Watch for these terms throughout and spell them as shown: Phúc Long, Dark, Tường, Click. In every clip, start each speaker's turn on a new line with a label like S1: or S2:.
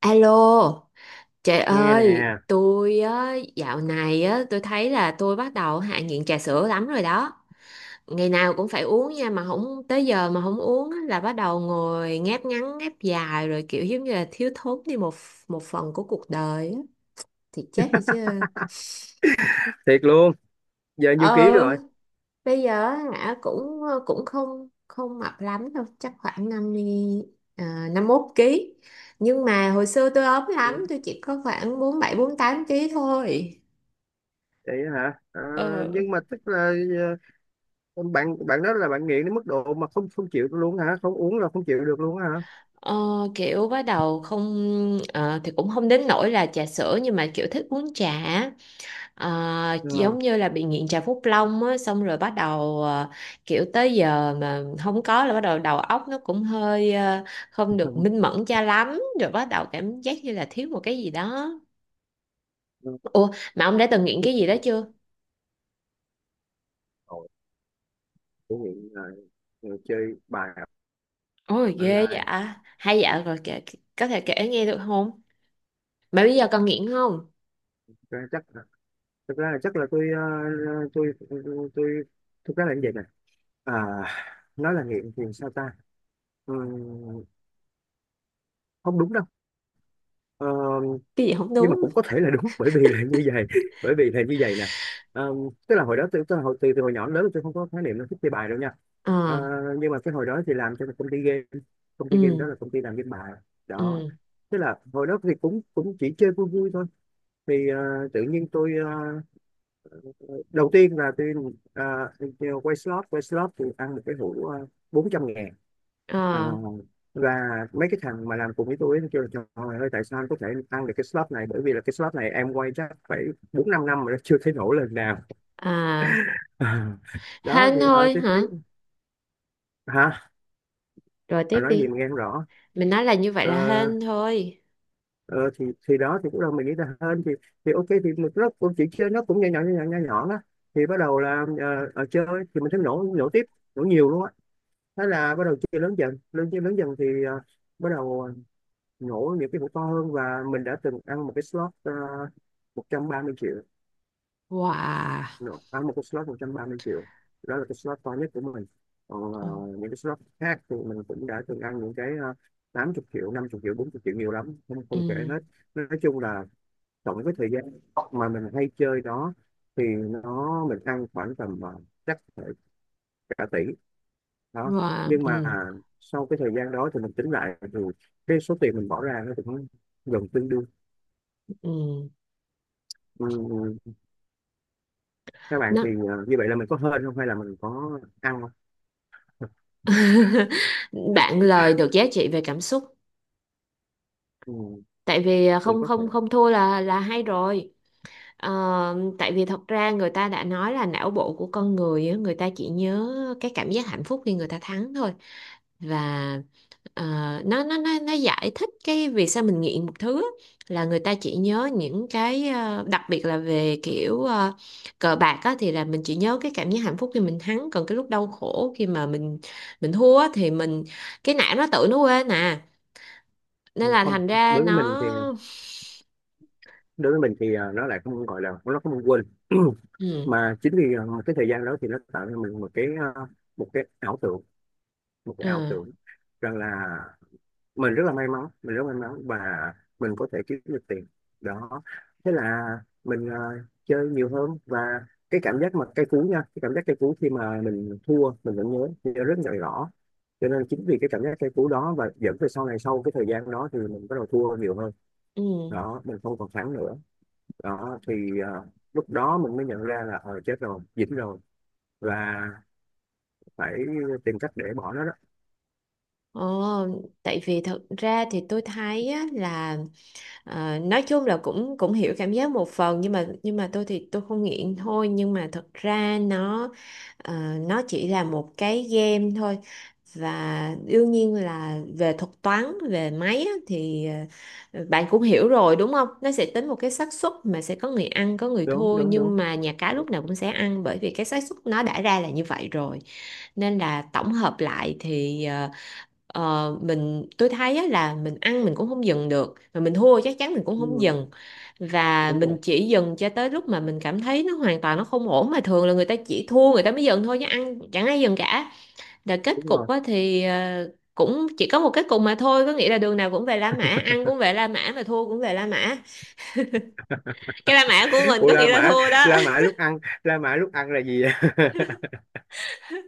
S1: Alo, trời
S2: Nghe
S1: ơi,
S2: nè.
S1: tôi á, dạo này á, tôi thấy là tôi bắt đầu hạ nghiện trà sữa lắm rồi đó. Ngày nào cũng phải uống nha, mà không tới giờ mà không uống á, là bắt đầu ngồi ngáp ngắn ngáp dài rồi kiểu giống như là thiếu thốn đi một một phần của cuộc đời á. Thì chết đi chứ.
S2: Thiệt luôn. Giờ nhiêu ký
S1: Ờ,
S2: rồi?
S1: bây giờ á, hả cũng cũng không không mập lắm đâu, chắc khoảng 50 à, 51 ký. Nhưng mà hồi xưa tôi ốm
S2: Ừ,
S1: lắm, tôi chỉ có khoảng 47-48 ký thôi.
S2: vậy hả? Ờ,
S1: Ờ,
S2: nhưng mà tức là ờ, bạn bạn đó là bạn nghiện đến mức độ mà không không chịu luôn hả? Không uống là không chịu được luôn hả?
S1: ờ, kiểu bắt đầu không thì cũng không đến nỗi là trà sữa nhưng mà kiểu thích uống trà á. Ờ,
S2: Ờ.
S1: giống như là bị nghiện trà Phúc Long á xong rồi bắt đầu kiểu tới giờ mà không có là bắt đầu đầu óc nó cũng hơi không được
S2: Không,
S1: minh mẫn cho lắm rồi bắt đầu cảm giác như là thiếu một cái gì đó.
S2: không.
S1: Ủa mà ông đã từng nghiện cái gì đó chưa?
S2: Ôi, tôi nghiện chơi bài
S1: Ôi ghê vậy
S2: online.
S1: à. Hay dạ rồi kể, có thể kể nghe được không? Mà bây giờ còn nghiện không?
S2: Thực ra chắc là- Thực ra là chắc là tôi tôi thực ra là như vậy nè. À, nói là nghiện thì sao ta? Ừ, không đúng đâu. Ờ,
S1: Cái gì không
S2: nhưng mà
S1: đúng?
S2: cũng có thể là đúng, bởi vì là như vậy bởi vì là như vậy nè. Ờ, tức là hồi đó tôi hồi từ hồi nhỏ đến lớn tôi không có khái niệm nó thích chơi bài đâu nha. Ờ,
S1: Ờ.
S2: nhưng mà cái hồi đó thì làm cho một công ty game, công ty game
S1: Ừ.
S2: đó là công ty làm game bài đó.
S1: Ừ.
S2: Tức là hồi đó thì cũng cũng chỉ chơi vui vui thôi, thì tự nhiên tôi ờ, đầu tiên là tôi ờ, quay slot. Quay slot thì ăn một cái hũ 400.000. Ờ,
S1: Ờ.
S2: và mấy cái thằng mà làm cùng với tôi ấy, nó kêu là trời ơi tại sao anh có thể ăn được cái slot này, bởi vì là cái slot này em quay chắc phải bốn năm năm mà nó chưa thấy nổ lần nào.
S1: À,
S2: Đó
S1: hên
S2: thì ờ
S1: thôi
S2: tôi
S1: hả?
S2: thấy, hả?
S1: Rồi
S2: Bà
S1: tiếp
S2: nói gì
S1: đi.
S2: mà nghe không rõ.
S1: Mình nói là như vậy
S2: ờ,
S1: là hên thôi.
S2: ờ, thì đó thì lúc đầu mình nghĩ là hơn thì ok, thì mình nó cũng chỉ chơi nó cũng nhỏ nhỏ nhỏ nhỏ nhỏ nhỏ đó, thì bắt đầu là chơi, thì mình thấy nổ nổ tiếp, nổ nhiều luôn á. Thế là bắt đầu chơi lớn dần, lớn chơi lớn dần thì bắt đầu nhổ những cái hũ to hơn, và mình đã từng ăn một cái slot 130.000.000.
S1: Wow.
S2: Nhổ, ăn một cái slot 130.000.000, đó là cái slot to nhất của mình. Còn
S1: Ừ.
S2: những cái slot khác thì mình cũng đã từng ăn những cái 80 triệu, 50 triệu, 40 triệu, nhiều lắm, không
S1: Ừ.
S2: không kể hết. Nói chung là tổng cái thời gian mà mình hay chơi đó thì mình ăn khoảng tầm chắc phải cả tỷ đó.
S1: Wow.
S2: Nhưng mà
S1: Ừ.
S2: sau cái thời gian đó thì mình tính lại thì cái số tiền mình bỏ ra nó cũng gần tương đương.
S1: Ừ.
S2: Ừ, các bạn thì
S1: Nó,
S2: như vậy là mình có hên không hay là mình có ăn không?
S1: bạn lời được giá trị về cảm xúc.
S2: Ừ,
S1: Tại vì
S2: cũng
S1: không
S2: có thể.
S1: không không thua là hay rồi. Ờ, tại vì thật ra người ta đã nói là não bộ của con người á, người ta chỉ nhớ cái cảm giác hạnh phúc khi người ta thắng thôi và ờ, nó giải thích cái vì sao mình nghiện một thứ á, là người ta chỉ nhớ những cái đặc biệt là về kiểu cờ bạc á, thì là mình chỉ nhớ cái cảm giác hạnh phúc khi mình thắng còn cái lúc đau khổ khi mà mình thua á, thì mình cái não nó tự nó quên à nên
S2: Ừ,
S1: là
S2: không,
S1: thành ra
S2: đối với mình
S1: nó,
S2: thì đối với mình thì nó lại không gọi là nó không quên,
S1: ừ,
S2: mà chính vì cái thời gian đó thì nó tạo cho mình một cái ờ, một cái ảo tưởng, một cái
S1: ờ,
S2: ảo tưởng rằng là mình rất là may mắn, mình rất may mắn, và mình có thể kiếm được tiền đó. Thế là mình chơi nhiều hơn, và cái cảm giác mà cay cú nha, cái cảm giác cay cú khi mà mình thua mình vẫn nhớ, nhớ rất là rõ. Cho nên chính vì cái cảm giác cay cú đó, và dẫn về sau này sau cái thời gian đó thì mình bắt đầu thua nhiều hơn.
S1: ừ.
S2: Đó, mình không còn thắng nữa đó thì ờ, lúc đó mình mới nhận ra là ờ chết rồi, dính rồi, và phải tìm cách để bỏ nó đó.
S1: Ồ, tại vì thật ra thì tôi thấy á, là nói chung là cũng cũng hiểu cảm giác một phần nhưng mà tôi thì tôi không nghiện thôi nhưng mà thật ra nó nó chỉ là một cái game thôi và đương nhiên là về thuật toán về máy á, thì bạn cũng hiểu rồi đúng không? Nó sẽ tính một cái xác suất mà sẽ có người ăn có người
S2: Đúng
S1: thua
S2: đúng đúng.
S1: nhưng mà nhà cái lúc nào cũng sẽ ăn bởi vì cái xác suất nó đã ra là như vậy rồi nên là tổng hợp lại thì ờ, Ờ, mình tôi thấy á, là mình ăn mình cũng không dừng được mà mình thua chắc chắn mình cũng không
S2: Ừ,
S1: dừng và
S2: đúng
S1: mình
S2: rồi.
S1: chỉ dừng cho tới lúc mà mình cảm thấy nó hoàn toàn nó không ổn mà thường là người ta chỉ thua người ta mới dừng thôi chứ ăn chẳng ai dừng cả là kết
S2: Đúng
S1: cục
S2: rồi.
S1: á, thì cũng chỉ có một kết cục mà thôi có nghĩa là đường nào cũng về La Mã ăn cũng về La Mã mà thua cũng về La Mã cái La Mã của mình
S2: Ủa
S1: có nghĩa
S2: La
S1: là
S2: Mã,
S1: thua đó.
S2: La Mã lúc ăn, La Mã lúc ăn là gì vậy?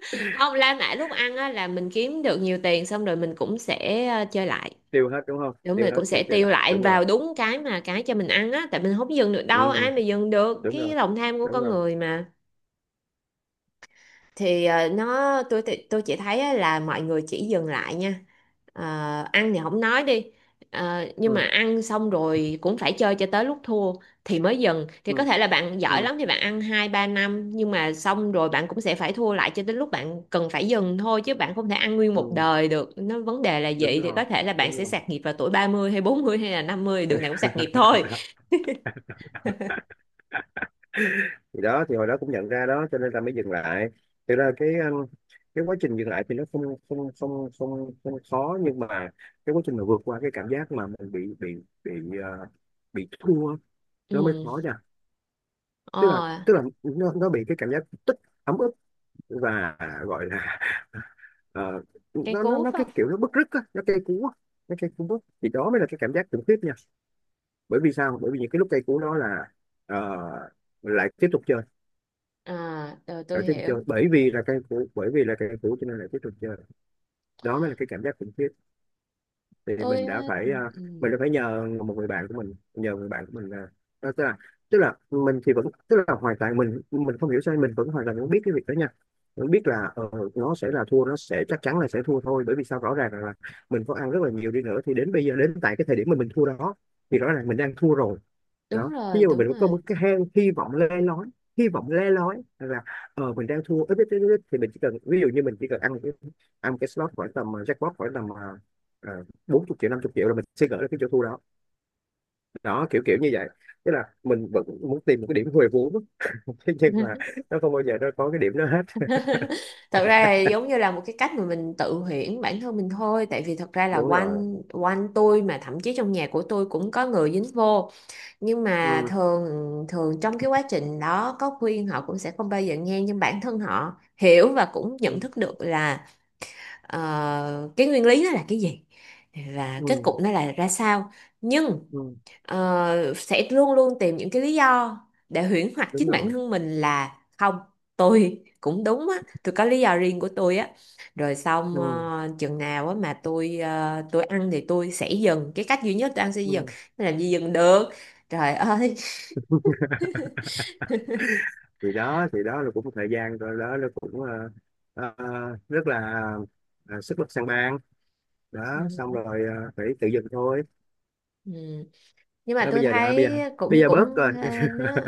S1: Không La Mã lúc ăn á, là mình kiếm được nhiều tiền xong rồi mình cũng sẽ chơi lại.
S2: Tiêu hết đúng không?
S1: Đúng
S2: Tiêu
S1: mình
S2: hết
S1: cũng
S2: rồi
S1: sẽ
S2: trở
S1: tiêu
S2: lại.
S1: lại
S2: Đúng
S1: vào
S2: rồi.
S1: đúng cái mà cái cho mình ăn á tại mình không dừng được đâu
S2: Ừ,
S1: ai mà dừng được
S2: đúng rồi.
S1: cái lòng tham của
S2: Đúng
S1: con
S2: rồi.
S1: người mà. Thì tôi chỉ thấy á là mọi người chỉ dừng lại nha. Ờ, ăn thì không nói đi. Nhưng mà
S2: Ừ,
S1: ăn xong rồi cũng phải chơi cho tới lúc thua thì mới dừng thì có
S2: ừ,
S1: thể là bạn
S2: ừ,
S1: giỏi lắm thì bạn ăn 2-3 năm nhưng mà xong rồi bạn cũng sẽ phải thua lại cho đến lúc bạn cần phải dừng thôi chứ bạn không thể ăn nguyên
S2: ừ,
S1: một đời được nó vấn đề là
S2: đúng
S1: vậy thì có
S2: rồi.
S1: thể là bạn
S2: Đúng
S1: sẽ
S2: rồi.
S1: sạt nghiệp vào tuổi 30 hay 40 hay là 50 đường nào cũng sạt nghiệp thôi.
S2: Thì đó thì hồi đó cũng nhận ra đó, cho nên là mới dừng lại. Thực ra cái quá trình dừng lại thì nó không không không không không khó, nhưng mà cái quá trình mà vượt qua cái cảm giác mà mình bị ờ, bị thua nó mới khó
S1: Ừ.
S2: nha.
S1: ờ,
S2: Tức là nó bị cái cảm giác tức, ấm ức, và gọi là ờ,
S1: cây
S2: nó nó
S1: cú
S2: nó
S1: phải
S2: cái
S1: không?
S2: kiểu nó bứt rứt á, nó cây cú á, nó cây cú bứt thì đó mới là cái cảm giác khủng khiếp nha. Bởi vì sao? Bởi vì những cái lúc cây cú đó là ờ, lại tiếp tục chơi.
S1: À rồi tôi
S2: lại tiếp tục
S1: hiểu.
S2: chơi bởi vì là cây cú, bởi vì là cây cú cho nên lại tiếp tục chơi. Đó mới là cái cảm giác khủng khiếp. Thì
S1: Tôi
S2: mình đã
S1: á, ừ.
S2: phải
S1: Ừ.
S2: mình đã phải nhờ một người bạn của mình, nhờ người bạn của mình là đó, tức là mình thì vẫn tức là hoàn toàn mình không hiểu sao mình vẫn hoàn toàn vẫn biết cái việc đó nha, vẫn biết là nó sẽ là thua, nó sẽ chắc chắn là sẽ thua thôi. Bởi vì sao? Rõ ràng là mình có ăn rất là nhiều đi nữa, thì đến bây giờ đến tại cái thời điểm mà mình thua đó thì rõ ràng mình đang thua rồi.
S1: Đúng
S2: Đó, ví
S1: rồi
S2: dụ mà
S1: đúng
S2: mình có
S1: rồi.
S2: một cái hang hy vọng le lói, hy vọng le lói là ờ mình đang thua ít ít ít ít thì mình chỉ cần ví dụ như mình chỉ cần ăn một cái, ăn một cái slot khoảng tầm jackpot khoảng tầm 40.000.000, 50.000.000 là mình sẽ gỡ được cái chỗ thua đó. Đó, kiểu kiểu như vậy. Tức là mình vẫn muốn tìm một cái điểm huề vốn. Thế nhưng mà không bao giờ nó có cái điểm đó hết.
S1: Thật ra là giống như là một cái cách mà mình tự huyễn bản thân mình thôi tại vì thật ra là
S2: Đúng rồi.
S1: quanh quanh tôi mà thậm chí trong nhà của tôi cũng có người dính vô nhưng mà
S2: Ừ,
S1: thường thường trong cái quá trình đó có khuyên họ cũng sẽ không bao giờ nghe nhưng bản thân họ hiểu và cũng
S2: ừ,
S1: nhận thức được là cái nguyên lý nó là cái gì và kết
S2: ừ,
S1: cục nó là ra sao nhưng
S2: ừ,
S1: sẽ luôn luôn tìm những cái lý do để huyễn hoặc
S2: đúng
S1: chính bản
S2: rồi.
S1: thân mình là không. Tôi cũng đúng á. Tôi có lý do riêng của tôi á. Rồi xong
S2: Ừ,
S1: chừng nào á mà tôi ăn thì tôi sẽ dừng cái cách duy nhất tôi ăn sẽ dừng
S2: ừ.
S1: làm gì dừng được trời ơi.
S2: Thì đó thì đó là cũng một thời gian rồi đó, nó cũng ờ, rất là sức lực sang ban
S1: Ừ.
S2: đó, xong rồi phải tự dừng thôi.
S1: Ừ. Nhưng mà
S2: Đó,
S1: tôi
S2: bây giờ bây
S1: thấy
S2: giờ bây
S1: cũng
S2: giờ
S1: cũng
S2: bớt rồi.
S1: nó.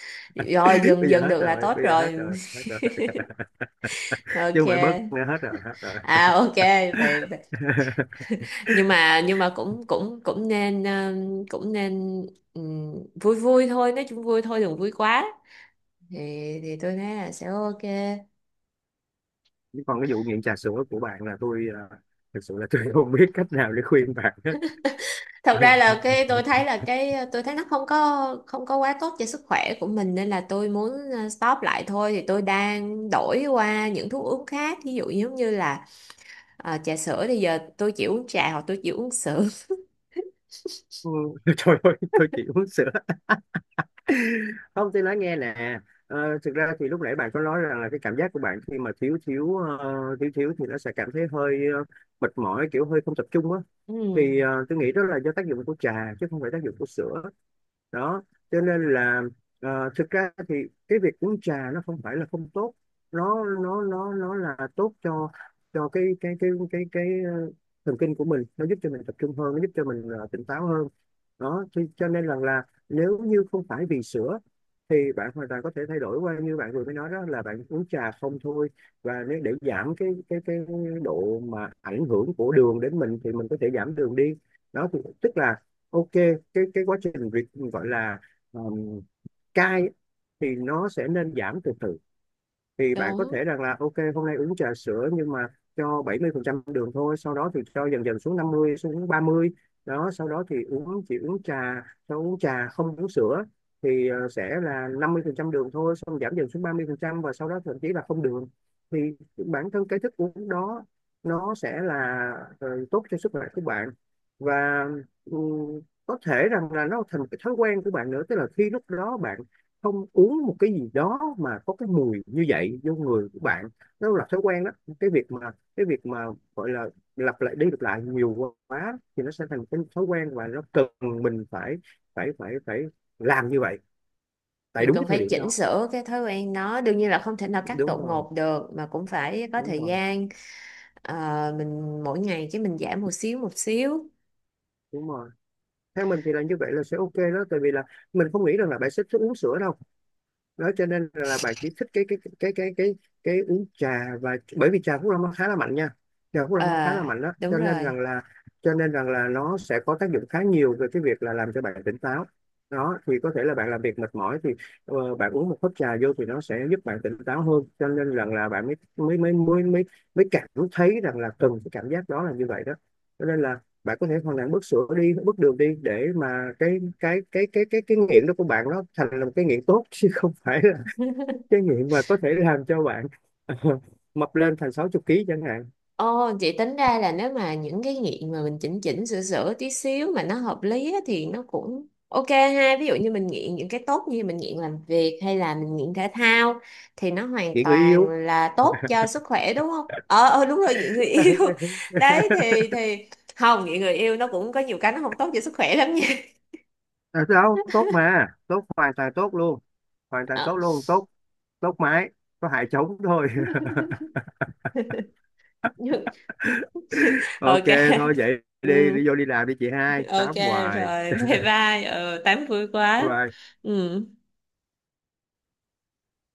S1: Rồi dừng
S2: Bây giờ
S1: dừng
S2: hết
S1: được là
S2: rồi,
S1: tốt
S2: bây giờ hết
S1: rồi.
S2: rồi hết rồi Chứ
S1: Ok.
S2: không phải bớt nữa, hết rồi, hết rồi.
S1: À ok vậy nhưng mà cũng cũng cũng nên cũng nên ừm, vui vui thôi nói chung vui thôi đừng vui quá thì tôi thấy là sẽ ok.
S2: Chứ còn cái vụ nghiện trà sữa của bạn là tôi thực sự là tôi không biết cách nào để khuyên bạn hết.
S1: Thật ra là cái tôi thấy là cái tôi thấy nó không có quá tốt cho sức khỏe của mình nên là tôi muốn stop lại thôi thì tôi đang đổi qua những thuốc uống khác ví dụ giống như là trà sữa thì giờ tôi chỉ uống trà hoặc tôi chỉ uống sữa.
S2: Ừ, trời ơi tôi chỉ uống sữa. Không, tôi nói nghe nè, thực ra thì lúc nãy bạn có nói rằng là cái cảm giác của bạn khi mà thiếu thiếu thiếu thiếu thì nó sẽ cảm thấy hơi mệt mỏi, kiểu hơi không tập trung á.
S1: Ừm,
S2: Thì tôi nghĩ đó là do tác dụng của trà chứ không phải tác dụng của sữa đó. Cho nên là thực ra thì cái việc uống trà nó không phải là không tốt, nó là tốt cho cái thần kinh của mình, nó giúp cho mình tập trung hơn, nó giúp cho mình tỉnh táo hơn đó. Cho nên rằng là nếu như không phải vì sữa thì bạn hoàn toàn có thể thay đổi qua như bạn vừa mới nói đó là bạn uống trà không thôi. Và nếu để giảm cái độ mà ảnh hưởng của đường đến mình thì mình có thể giảm đường đi đó. Thì tức là ok, cái quá trình việc gọi là um, cai thì nó sẽ nên giảm từ từ. Thì bạn có
S1: đúng
S2: thể rằng là ok hôm nay uống trà sữa nhưng mà cho 70% đường thôi, sau đó thì cho dần dần xuống 50, xuống 30. Đó, sau đó thì uống chỉ uống trà, sau uống trà không uống sữa thì sẽ là 50% đường thôi, xong giảm dần xuống 30%, và sau đó thậm chí là không đường. Thì bản thân cái thức uống đó nó sẽ là tốt cho sức khỏe của bạn. Và ừ, có thể rằng là nó thành cái thói quen của bạn nữa, tức là khi lúc đó bạn không uống một cái gì đó mà có cái mùi như vậy vô người của bạn, nó là thói quen đó. Cái việc mà cái việc mà gọi là lặp lại đi lặp lại nhiều quá thì nó sẽ thành một cái thói quen, và nó cần mình phải phải làm như vậy tại
S1: Mình
S2: đúng cái
S1: cần
S2: thời
S1: phải
S2: điểm
S1: chỉnh
S2: đó.
S1: sửa cái thói quen nó đương nhiên là không thể nào cắt
S2: Đúng
S1: đột
S2: rồi,
S1: ngột được mà cũng phải có
S2: đúng
S1: thời
S2: rồi,
S1: gian. Ờ, mình mỗi ngày cái mình giảm một xíu một xíu.
S2: đúng rồi. Theo mình thì là như vậy là sẽ ok đó, tại vì là mình không nghĩ rằng là bạn sẽ uống sữa đâu đó. Cho nên là bạn chỉ thích cái uống trà. Và bởi vì trà Phúc Long nó khá là mạnh nha, trà Phúc Long nó khá
S1: ờ
S2: là mạnh đó.
S1: đúng
S2: cho nên rằng
S1: rồi.
S2: là cho nên rằng là nó sẽ có tác dụng khá nhiều về cái việc là làm cho bạn tỉnh táo đó. Thì có thể là bạn làm việc mệt mỏi thì bạn uống một hớp trà vô thì nó sẽ giúp bạn tỉnh táo hơn. Cho nên rằng là bạn mới mới mới mới mới mới cảm thấy rằng là cần cái cảm giác đó là như vậy đó. Cho nên là bạn có thể hoàn toàn bước sữa đi, bước đường đi, để mà cái nghiện đó của bạn nó thành là một cái nghiện tốt, chứ không phải là cái nghiện mà có thể làm cho bạn mập lên thành 60 ký chẳng hạn.
S1: Ồ, chị tính ra là nếu mà những cái nghiện mà mình chỉnh chỉnh sửa sửa tí xíu mà nó hợp lý á, thì nó cũng ok ha. Ví dụ như mình nghiện những cái tốt như mình nghiện làm việc hay là mình nghiện thể thao thì nó hoàn
S2: Nghiện người
S1: toàn
S2: yêu.
S1: là tốt cho sức khỏe đúng không? Ờ, đúng rồi nghiện người
S2: À,
S1: yêu. Đấy thì không nghiện người yêu nó cũng có nhiều cái nó không tốt cho sức khỏe lắm nha.
S2: đâu tốt, mà tốt, hoàn toàn tốt luôn, hoàn toàn tốt luôn, tốt, tốt mãi, có hại trống thôi.
S1: Ờ,
S2: Ok.
S1: ok.
S2: Thôi vậy đi,
S1: Ừ.
S2: đi vô đi làm đi chị, hai
S1: Ok
S2: tám hoài.
S1: rồi. Bye bye. Ừ tám vui
S2: Bye
S1: quá.
S2: bye.
S1: Ừ.